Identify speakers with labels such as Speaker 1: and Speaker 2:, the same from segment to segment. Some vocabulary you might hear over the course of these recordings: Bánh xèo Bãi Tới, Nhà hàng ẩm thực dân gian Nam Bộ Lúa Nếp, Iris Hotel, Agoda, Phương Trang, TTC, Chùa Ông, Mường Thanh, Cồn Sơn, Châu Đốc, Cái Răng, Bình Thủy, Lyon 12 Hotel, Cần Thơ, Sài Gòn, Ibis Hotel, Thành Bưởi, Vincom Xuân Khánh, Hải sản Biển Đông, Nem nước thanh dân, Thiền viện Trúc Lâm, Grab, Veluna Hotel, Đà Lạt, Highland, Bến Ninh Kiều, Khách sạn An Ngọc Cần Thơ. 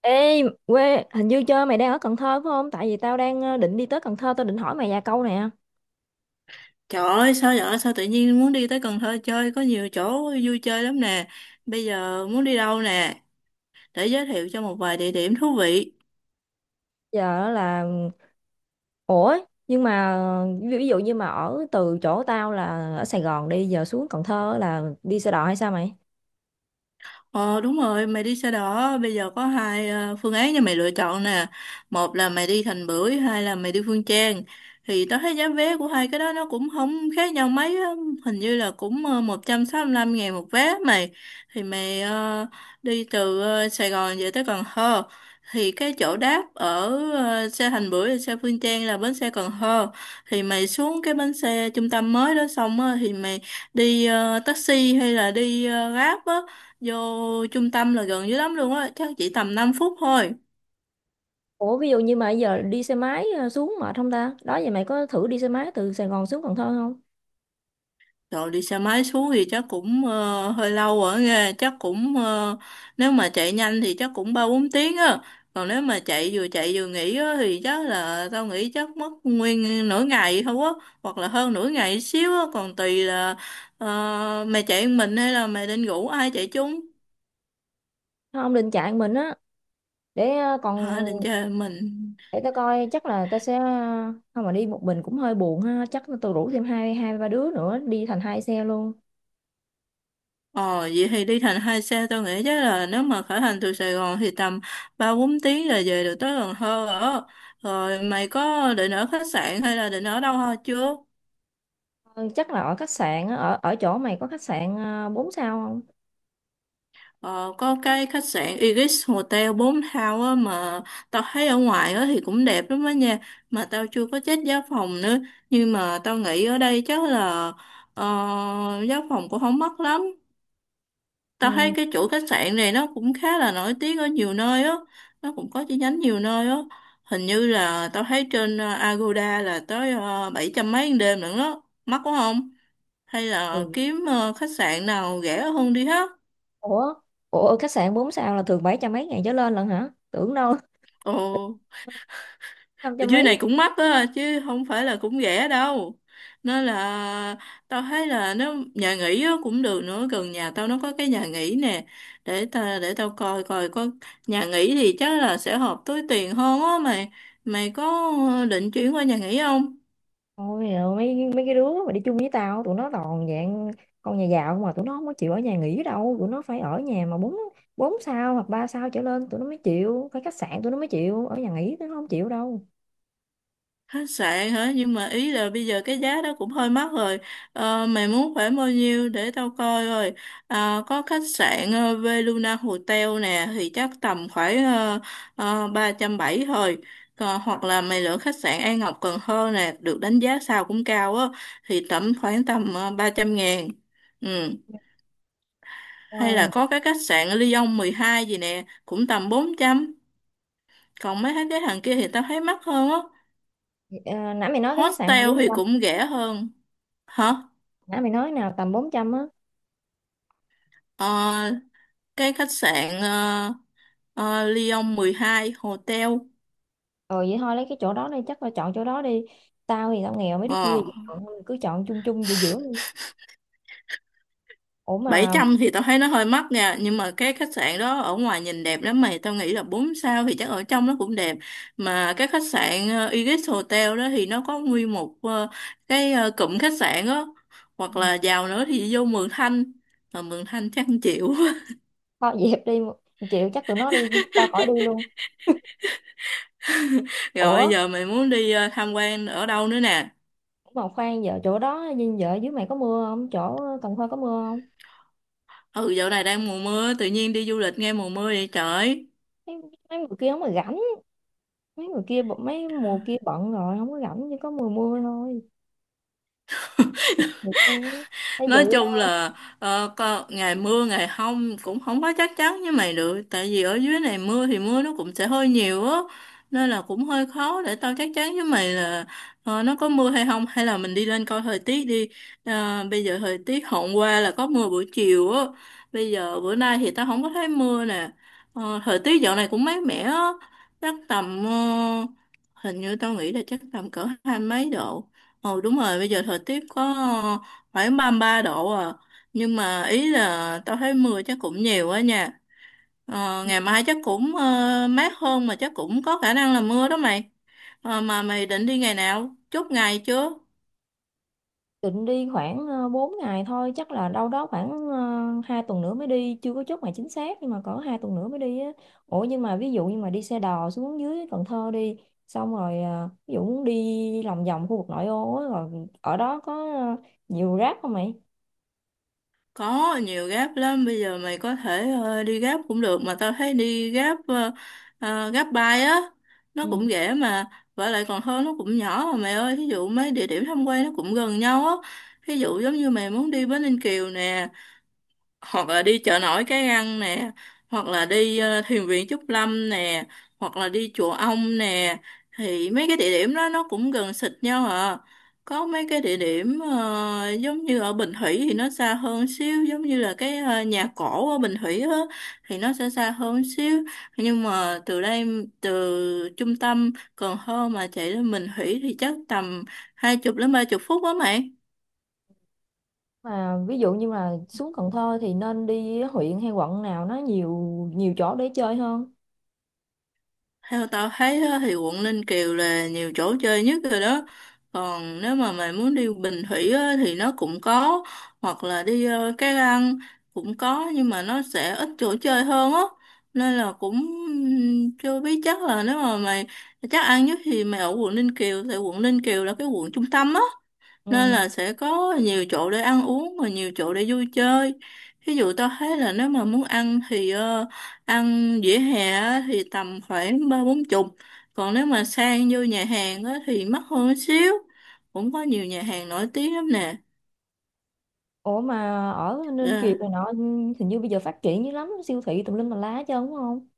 Speaker 1: Ê, quê, hình như chơi mày đang ở Cần Thơ phải không? Tại vì tao đang định đi tới Cần Thơ, tao định hỏi mày vài câu nè.
Speaker 2: Trời ơi, sao vậy? Sao tự nhiên muốn đi tới Cần Thơ chơi? Có nhiều chỗ vui chơi lắm nè. Bây giờ muốn đi đâu nè? Để giới thiệu cho một vài địa điểm thú vị.
Speaker 1: Giờ là, ủa, nhưng mà ví ví dụ như mà ở từ chỗ tao là ở Sài Gòn đi, giờ xuống Cần Thơ là đi xe đò hay sao mày?
Speaker 2: Ờ đúng rồi, mày đi xe đỏ, bây giờ có hai phương án cho mày lựa chọn nè. Một là mày đi Thành Bưởi, hai là mày đi Phương Trang. Thì tao thấy giá vé của hai cái đó nó cũng không khác nhau mấy á, hình như là cũng 165.000 một vé mày. Thì mày đi từ Sài Gòn về tới Cần Thơ. Thì cái chỗ đáp ở xe Thành Bưởi và xe Phương Trang là bến xe Cần Thơ. Thì mày xuống cái bến xe trung tâm mới đó xong á, thì mày đi taxi hay là đi Grab á. Vô trung tâm là gần dưới lắm luôn á, chắc chỉ tầm 5 phút thôi.
Speaker 1: Ủa, ví dụ như mà giờ đi xe máy xuống mệt không ta? Đó vậy mày có thử đi xe máy từ Sài Gòn xuống Cần Thơ không?
Speaker 2: Rồi đi xe máy xuống thì chắc cũng hơi lâu ở nghe, chắc cũng nếu mà chạy nhanh thì chắc cũng 3 4 tiếng á. Còn nếu mà chạy vừa nghỉ á, thì chắc là tao nghĩ chắc mất nguyên nửa ngày thôi á, hoặc là hơn nửa ngày xíu á, còn tùy là mày chạy một mình hay là mày định rủ ai chạy chung.
Speaker 1: Không, định chạy mình á, để ờ,
Speaker 2: Hả,
Speaker 1: còn,
Speaker 2: định chơi một mình.
Speaker 1: để tao coi chắc là tao sẽ, không mà đi một mình cũng hơi buồn ha, chắc tao rủ thêm hai ba đứa nữa, đi thành hai xe luôn.
Speaker 2: Ờ, vậy thì đi thành hai xe tôi nghĩ chắc là nếu mà khởi hành từ Sài Gòn thì tầm 3 4 tiếng là về được tới Cần Thơ rồi. Rồi mày có định ở khách sạn hay là định ở đâu thôi chưa?
Speaker 1: Ừ, chắc là ở khách sạn á, ở ở chỗ mày có khách sạn à, 4 sao không?
Speaker 2: Ờ, có cái khách sạn Ibis Hotel 4 sao á mà tao thấy ở ngoài á thì cũng đẹp lắm á nha. Mà tao chưa có check giá phòng nữa. Nhưng mà tao nghĩ ở đây chắc là ờ, giá phòng cũng không mắc lắm. Tao thấy
Speaker 1: Ừ.
Speaker 2: cái chuỗi khách sạn này nó cũng khá là nổi tiếng ở nhiều nơi á, nó cũng có chi nhánh nhiều nơi á. Hình như là tao thấy trên Agoda là tới 700 mấy một đêm nữa đó, mắc quá không? Hay
Speaker 1: Ừ.
Speaker 2: là kiếm khách sạn nào rẻ hơn đi ha?
Speaker 1: Ủa, ủa khách sạn 4 sao là thường bảy trăm mấy ngàn trở lên lận hả? Tưởng đâu
Speaker 2: Ồ.
Speaker 1: năm
Speaker 2: Ở
Speaker 1: trăm
Speaker 2: dưới
Speaker 1: mấy.
Speaker 2: này cũng mắc á chứ không phải là cũng rẻ đâu, nên là tao thấy là nếu nhà nghỉ á, cũng được nữa. Gần nhà tao nó có cái nhà nghỉ nè, để ta để tao coi coi có. Nhà nghỉ thì chắc là sẽ hợp túi tiền hơn á mày. Mày có định chuyển qua nhà nghỉ không?
Speaker 1: Ôi giời, mấy mấy cái đứa mà đi chung với tao tụi nó toàn dạng con nhà giàu mà tụi nó không có chịu ở nhà nghỉ đâu, tụi nó phải ở nhà mà bốn bốn sao hoặc ba sao trở lên tụi nó mới chịu, phải khách sạn tụi nó mới chịu, ở nhà nghỉ tụi nó không chịu đâu.
Speaker 2: Khách sạn hả, nhưng mà ý là bây giờ cái giá đó cũng hơi mắc rồi. Ờ, mày muốn khoảng bao nhiêu để tao coi rồi. À, có khách sạn Veluna Hotel nè thì chắc tầm khoảng 370 thôi. Còn, hoặc là mày lựa khách sạn An Ngọc Cần Thơ nè, được đánh giá sao cũng cao á, thì tầm khoảng tầm 300.000. Ừ. Hay là
Speaker 1: Rồi,
Speaker 2: có cái khách sạn Lyon 12 gì nè cũng tầm 400. Còn mấy cái hàng kia thì tao thấy mắc hơn á.
Speaker 1: ờ, nãy mày nói cái khách sạn nào
Speaker 2: Hostel thì
Speaker 1: trăm,
Speaker 2: cũng rẻ hơn. Hả?
Speaker 1: nãy mày nói nào tầm bốn trăm á?
Speaker 2: Ờ, cái khách sạn Lyon 12 Hotel.
Speaker 1: Ờ vậy thôi lấy cái chỗ đó đi, chắc là chọn chỗ đó đi. Tao thì tao nghèo, mấy đứa kia
Speaker 2: ờ,
Speaker 1: thì chọn thôi, cứ chọn chung chung giữa giữa đi. Ủa
Speaker 2: bảy
Speaker 1: mà.
Speaker 2: trăm thì tao thấy nó hơi mắc nha, nhưng mà cái khách sạn đó ở ngoài nhìn đẹp lắm mày, tao nghĩ là 4 sao thì chắc ở trong nó cũng đẹp. Mà cái khách sạn Iris Hotel đó thì nó có nguyên một cái cụm khách sạn đó.
Speaker 1: Ừ.
Speaker 2: Hoặc là giàu nữa thì vô Mường Thanh, mà Mường Thanh chắc không chịu.
Speaker 1: Kho dẹp đi. Chịu chắc tụi nó đi, tao khỏi đi luôn. Ủa
Speaker 2: Rồi giờ mày muốn đi tham quan ở đâu nữa nè?
Speaker 1: mà khoan, giờ chỗ đó nhìn vợ dưới mày có mưa không, chỗ Cần Thơ có mưa không?
Speaker 2: Ừ, dạo này đang mùa mưa, tự nhiên đi du lịch nghe mùa mưa vậy trời.
Speaker 1: mấy, Mấy người kia không mà rảnh, mấy mùa kia bận rồi không có rảnh, chỉ có mùa mưa thôi được luôn á. Thấy vậy.
Speaker 2: Nói chung là có, ngày mưa ngày không cũng không có chắc chắn với mày được, tại vì ở dưới này mưa thì mưa nó cũng sẽ hơi nhiều á, nên là cũng hơi khó để tao chắc chắn với mày là nó có mưa hay không, hay là mình đi lên coi thời tiết đi. Ờ, bây giờ thời tiết hôm qua là có mưa buổi chiều á, bây giờ bữa nay thì tao không có thấy mưa nè. Ờ, thời tiết dạo này cũng mát mẻ á, chắc tầm hình như tao nghĩ là chắc tầm cỡ 20 mấy độ. Ồ đúng rồi, bây giờ thời tiết có phải 33 độ à, nhưng mà ý là tao thấy mưa chắc cũng nhiều á nha. Ờ, ngày mai chắc cũng mát hơn mà chắc cũng có khả năng là mưa đó mày. Ờ, mà mày định đi ngày nào, chốt ngày chưa?
Speaker 1: Định đi khoảng 4 ngày thôi, chắc là đâu đó khoảng 2 tuần nữa mới đi, chưa có chốt ngày chính xác nhưng mà cỡ 2 tuần nữa mới đi á. Ủa nhưng mà ví dụ như mà đi xe đò xuống dưới Cần Thơ đi, xong rồi ví dụ muốn đi lòng vòng khu vực nội ô á, rồi ở đó có nhiều rác không mày?
Speaker 2: Có nhiều gáp lắm, bây giờ mày có thể đi gáp cũng được, mà tao thấy đi gáp gáp á, nó
Speaker 1: Ừ.
Speaker 2: cũng rẻ mà. Và lại còn hơn nó cũng nhỏ mà mày ơi, thí dụ mấy địa điểm tham quan nó cũng gần nhau á. Thí dụ giống như mày muốn đi Bến Ninh Kiều nè, hoặc là đi chợ nổi Cái Răng nè, hoặc là đi thiền viện Trúc Lâm nè, hoặc là đi chùa Ông nè. Thì mấy cái địa điểm đó nó cũng gần xịt nhau à. Có mấy cái địa điểm giống như ở Bình Thủy thì nó xa hơn xíu, giống như là cái nhà cổ ở Bình Thủy á thì nó sẽ xa hơn xíu. Nhưng mà từ đây, từ trung tâm Cần Thơ mà chạy lên Bình Thủy thì chắc tầm 20 đến 30 phút á mày.
Speaker 1: Mà ví dụ như mà xuống Cần Thơ thì nên đi huyện hay quận nào nó nhiều nhiều chỗ để chơi hơn?
Speaker 2: Theo tao thấy á, thì quận Ninh Kiều là nhiều chỗ chơi nhất rồi đó. Còn nếu mà mày muốn đi Bình Thủy á, thì nó cũng có. Hoặc là đi Cái Răng cũng có, nhưng mà nó sẽ ít chỗ chơi hơn á. Nên là cũng chưa biết, chắc là nếu mà mày chắc ăn nhất thì mày ở quận Ninh Kiều. Tại quận Ninh Kiều là cái quận trung tâm á, nên
Speaker 1: Ừ.
Speaker 2: là sẽ có nhiều chỗ để ăn uống và nhiều chỗ để vui chơi. Ví dụ tao thấy là nếu mà muốn ăn thì ăn vỉa hè á thì tầm khoảng 3 4 chục. Còn nếu mà sang vô nhà hàng á thì mắc hơn một xíu, cũng có nhiều nhà hàng nổi tiếng lắm nè.
Speaker 1: Ủa mà ở
Speaker 2: ờ
Speaker 1: Ninh Kiều này nọ, hình như bây giờ phát triển dữ lắm, siêu thị tùm lum tà lá hết trơn đúng không?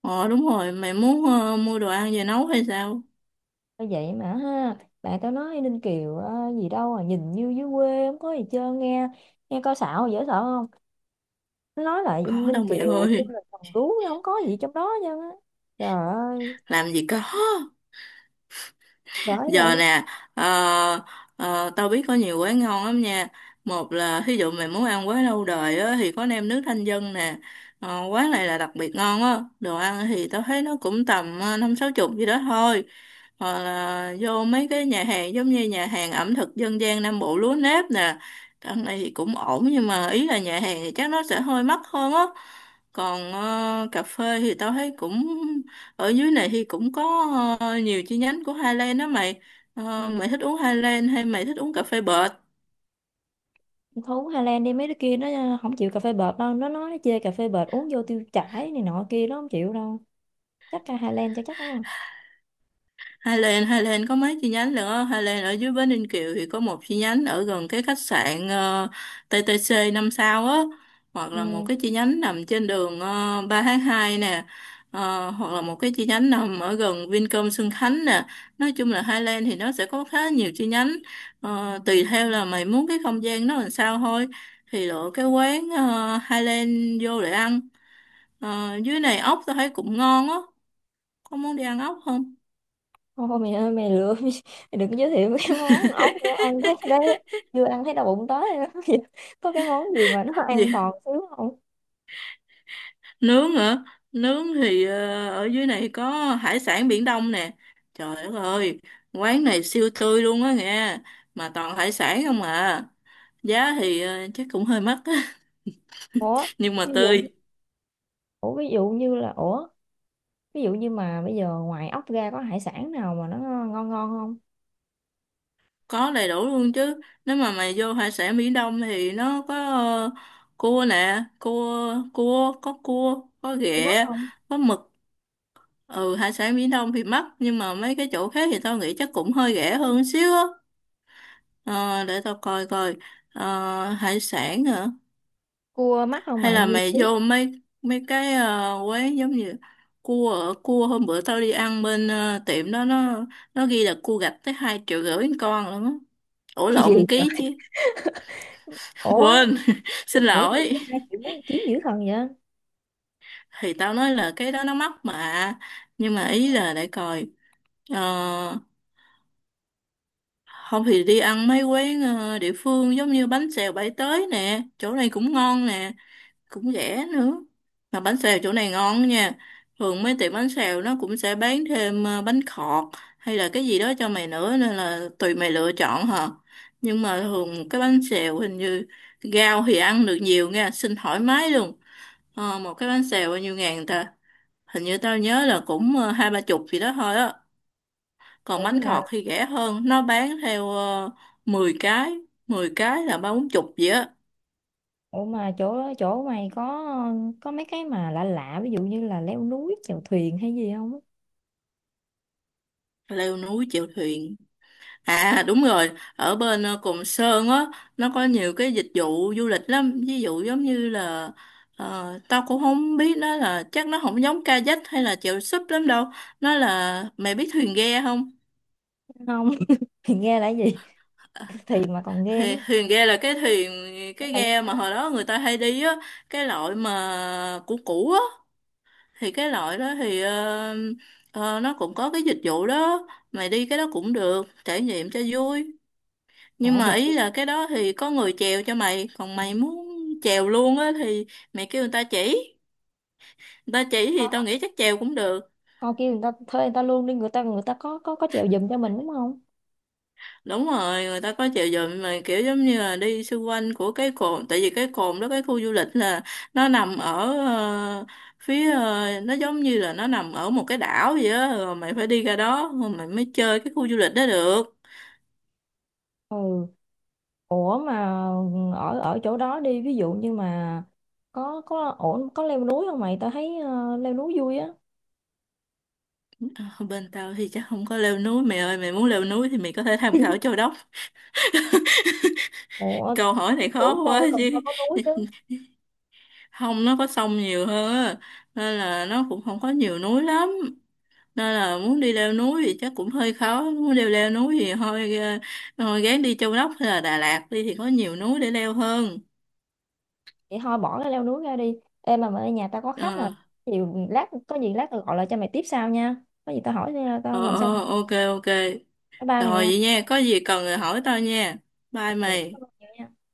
Speaker 2: ờ, Đúng rồi, mày muốn mua đồ ăn về nấu hay sao?
Speaker 1: Bởi vậy mà ha, bạn tao nói Ninh Kiều gì đâu à, nhìn như dưới quê không có gì chơi, nghe nghe coi xạo dễ sợ không, nó nói lại Ninh
Speaker 2: Có
Speaker 1: Ninh
Speaker 2: đâu mẹ
Speaker 1: Kiều như
Speaker 2: ơi,
Speaker 1: là thằng gú nó không có gì trong đó chứ á, trời ơi
Speaker 2: làm gì có.
Speaker 1: bởi
Speaker 2: Giờ
Speaker 1: vậy.
Speaker 2: nè, ờ, tao biết có nhiều quán ngon lắm nha. Một là thí dụ mày muốn ăn quán lâu đời á, thì có nem nước thanh dân nè. Ờ, quán này là đặc biệt ngon á, đồ ăn thì tao thấy nó cũng tầm 5 6 chục gì đó thôi. Hoặc là vô mấy cái nhà hàng, giống như nhà hàng ẩm thực dân gian Nam Bộ Lúa Nếp nè. Ăn này thì cũng ổn, nhưng mà ý là nhà hàng thì chắc nó sẽ hơi mắc hơn á. Còn cà phê thì tao thấy cũng ở dưới này thì cũng có nhiều chi nhánh của Highland đó mày. Ờ,
Speaker 1: Ừ.
Speaker 2: mày thích uống Highland hay mày thích uống cà phê bệt?
Speaker 1: Thu Hà Lan đi, mấy đứa kia nó không chịu cà phê bệt đâu, nó nói nó chê cà phê bệt uống vô tiêu chảy này nọ kia, nó không chịu đâu, chắc ca Hà Lan cho chắc đúng không?
Speaker 2: Highland có mấy chi nhánh lận á. Highland ở dưới Bến Ninh Kiều thì có một chi nhánh ở gần cái khách sạn TTC 5 sao á. Hoặc là một
Speaker 1: Ừ.
Speaker 2: cái chi nhánh nằm trên đường 3 tháng 2 nè. Ờ, hoặc là một cái chi nhánh nằm ở gần Vincom Xuân Khánh nè. Nói chung là Highland thì nó sẽ có khá nhiều chi nhánh. Ờ, tùy theo là mày muốn cái không gian nó làm sao thôi. Thì lựa cái quán Highland vô để ăn. Ờ, dưới này ốc tao thấy cũng ngon á. Có muốn đi ăn ốc không?
Speaker 1: Ô mày ơi, mày lừa mày đừng giới thiệu cái món ốc nữa, ăn thấy đấy, chưa ăn thấy đau bụng tới rồi đó. Có cái món gì mà nó an
Speaker 2: Gì?
Speaker 1: toàn xíu không?
Speaker 2: Nướng hả? Nướng thì ở dưới này có hải sản Biển Đông nè. Trời đất ơi, quán này siêu tươi luôn á nghe. Mà toàn hải sản không à. Giá thì chắc cũng hơi mắc á.
Speaker 1: Ủa
Speaker 2: Nhưng mà
Speaker 1: ví dụ
Speaker 2: tươi.
Speaker 1: ủa Ví dụ như là, ví dụ như mà bây giờ ngoài ốc ra có hải sản nào mà nó ngon ngon không?
Speaker 2: Có đầy đủ luôn chứ. Nếu mà mày vô hải sản Biển Đông thì nó có cua nè. Cua, cua, có
Speaker 1: Cua mắt
Speaker 2: ghẹ,
Speaker 1: không?
Speaker 2: có mực. Ừ, hải sản Biển Đông thì mắc, nhưng mà mấy cái chỗ khác thì tao nghĩ chắc cũng hơi rẻ hơn xíu á. Ờ, để tao coi coi. Ờ, hải sản hả,
Speaker 1: Cua mắt không
Speaker 2: hay
Speaker 1: mày
Speaker 2: là
Speaker 1: như
Speaker 2: mày
Speaker 1: thế?
Speaker 2: vô mấy mấy cái quán giống như cua ở- cua hôm bữa tao đi ăn bên tiệm đó nó ghi là cua gạch tới 2,5 triệu một con luôn á. Ủa
Speaker 1: Cái gì
Speaker 2: lộn, một ký
Speaker 1: trời.
Speaker 2: chứ.
Speaker 1: Ủa
Speaker 2: Quên, xin
Speaker 1: Ủa gì
Speaker 2: lỗi.
Speaker 1: tới 2 triệu mấy ký dữ thần vậy?
Speaker 2: Thì tao nói là cái đó nó mắc mà, nhưng mà
Speaker 1: Dạ,
Speaker 2: ý là để coi. Ờ, không thì đi ăn mấy quán địa phương giống như bánh xèo Bãi Tới nè, chỗ này cũng ngon nè, cũng rẻ nữa. Mà bánh xèo chỗ này ngon nha. Thường mấy tiệm bánh xèo nó cũng sẽ bán thêm bánh khọt hay là cái gì đó cho mày nữa, nên là tùy mày lựa chọn hả. Nhưng mà thường cái bánh xèo hình như rau thì ăn được nhiều nha, xin thoải mái luôn. Ờ, một cái bánh xèo bao nhiêu ngàn ta? Hình như tao nhớ là cũng 2 3 chục gì đó thôi á. Còn
Speaker 1: ủa
Speaker 2: bánh
Speaker 1: mà,
Speaker 2: khọt thì rẻ hơn, nó bán theo uh, 10 cái, 10 cái là 3 4 chục vậy á.
Speaker 1: ủa mà chỗ chỗ mày có mấy cái mà lạ lạ ví dụ như là leo núi chèo thuyền hay gì không?
Speaker 2: Leo núi chèo thuyền. À đúng rồi, ở bên Cồn Sơn á nó có nhiều cái dịch vụ du lịch lắm, ví dụ giống như là tao cũng không biết nó là chắc nó không giống kayak hay là chèo súp lắm đâu. Nó là mày biết thuyền ghe không?
Speaker 1: Không thì nghe là cái gì, thì mà còn nghe
Speaker 2: thuyền,
Speaker 1: nữa?
Speaker 2: thuyền ghe là cái thuyền,
Speaker 1: Thế
Speaker 2: cái
Speaker 1: là nghe
Speaker 2: ghe
Speaker 1: đó.
Speaker 2: mà hồi đó người ta hay đi á, cái loại mà cũ cũ á. Thì cái loại đó thì nó cũng có cái dịch vụ đó. Mày đi cái đó cũng được, trải nghiệm cho vui. Nhưng
Speaker 1: À, thì
Speaker 2: mà ý
Speaker 1: kiểu.
Speaker 2: là cái đó thì có người chèo cho mày, còn mày muốn chèo luôn á thì mày kêu người ta chỉ, người ta chỉ thì tao nghĩ chắc chèo cũng được.
Speaker 1: Họ kêu người ta, thuê người ta luôn đi, người ta có có chèo giùm cho mình đúng không?
Speaker 2: Đúng rồi, người ta có chèo giùm, mà kiểu giống như là đi xung quanh của cái cồn. Tại vì cái cồn đó, cái khu du lịch là nó nằm ở phía nó giống như là nó nằm ở một cái đảo vậy á, rồi mày phải đi ra đó rồi mày mới chơi cái khu du lịch đó được.
Speaker 1: Ừ. Ủa mà ở ở chỗ đó đi, ví dụ như mà có ổn, có leo núi không mày? Tao thấy leo núi vui á.
Speaker 2: Ờ, bên tao thì chắc không có leo núi mày ơi, mày muốn leo núi thì mày có thể tham khảo Châu Đốc.
Speaker 1: Ủa,
Speaker 2: Câu hỏi này khó
Speaker 1: tưởng
Speaker 2: quá
Speaker 1: đâu Cần
Speaker 2: chứ.
Speaker 1: Thơ có núi chứ.
Speaker 2: Không, nó có sông nhiều hơn á, nên là nó cũng không có nhiều núi lắm, nên là muốn đi leo núi thì chắc cũng hơi khó. Muốn leo leo núi thì thôi thôi gán đi Châu Đốc hay là Đà Lạt đi thì có nhiều núi để leo hơn.
Speaker 1: Vậy thôi bỏ cái leo núi ra đi. Ê mà ở nhà tao có khách rồi,
Speaker 2: ờ
Speaker 1: chiều lát có gì lát tao gọi lại cho mày tiếp sau nha, có gì tao hỏi tao làm sao.
Speaker 2: ờ, ok ok.
Speaker 1: Tao ba mày
Speaker 2: Rồi
Speaker 1: nha.
Speaker 2: vậy nha, có gì cần thì hỏi tao nha. Bye
Speaker 1: Ừ,
Speaker 2: mày.
Speaker 1: cảm ơn nhiều nha.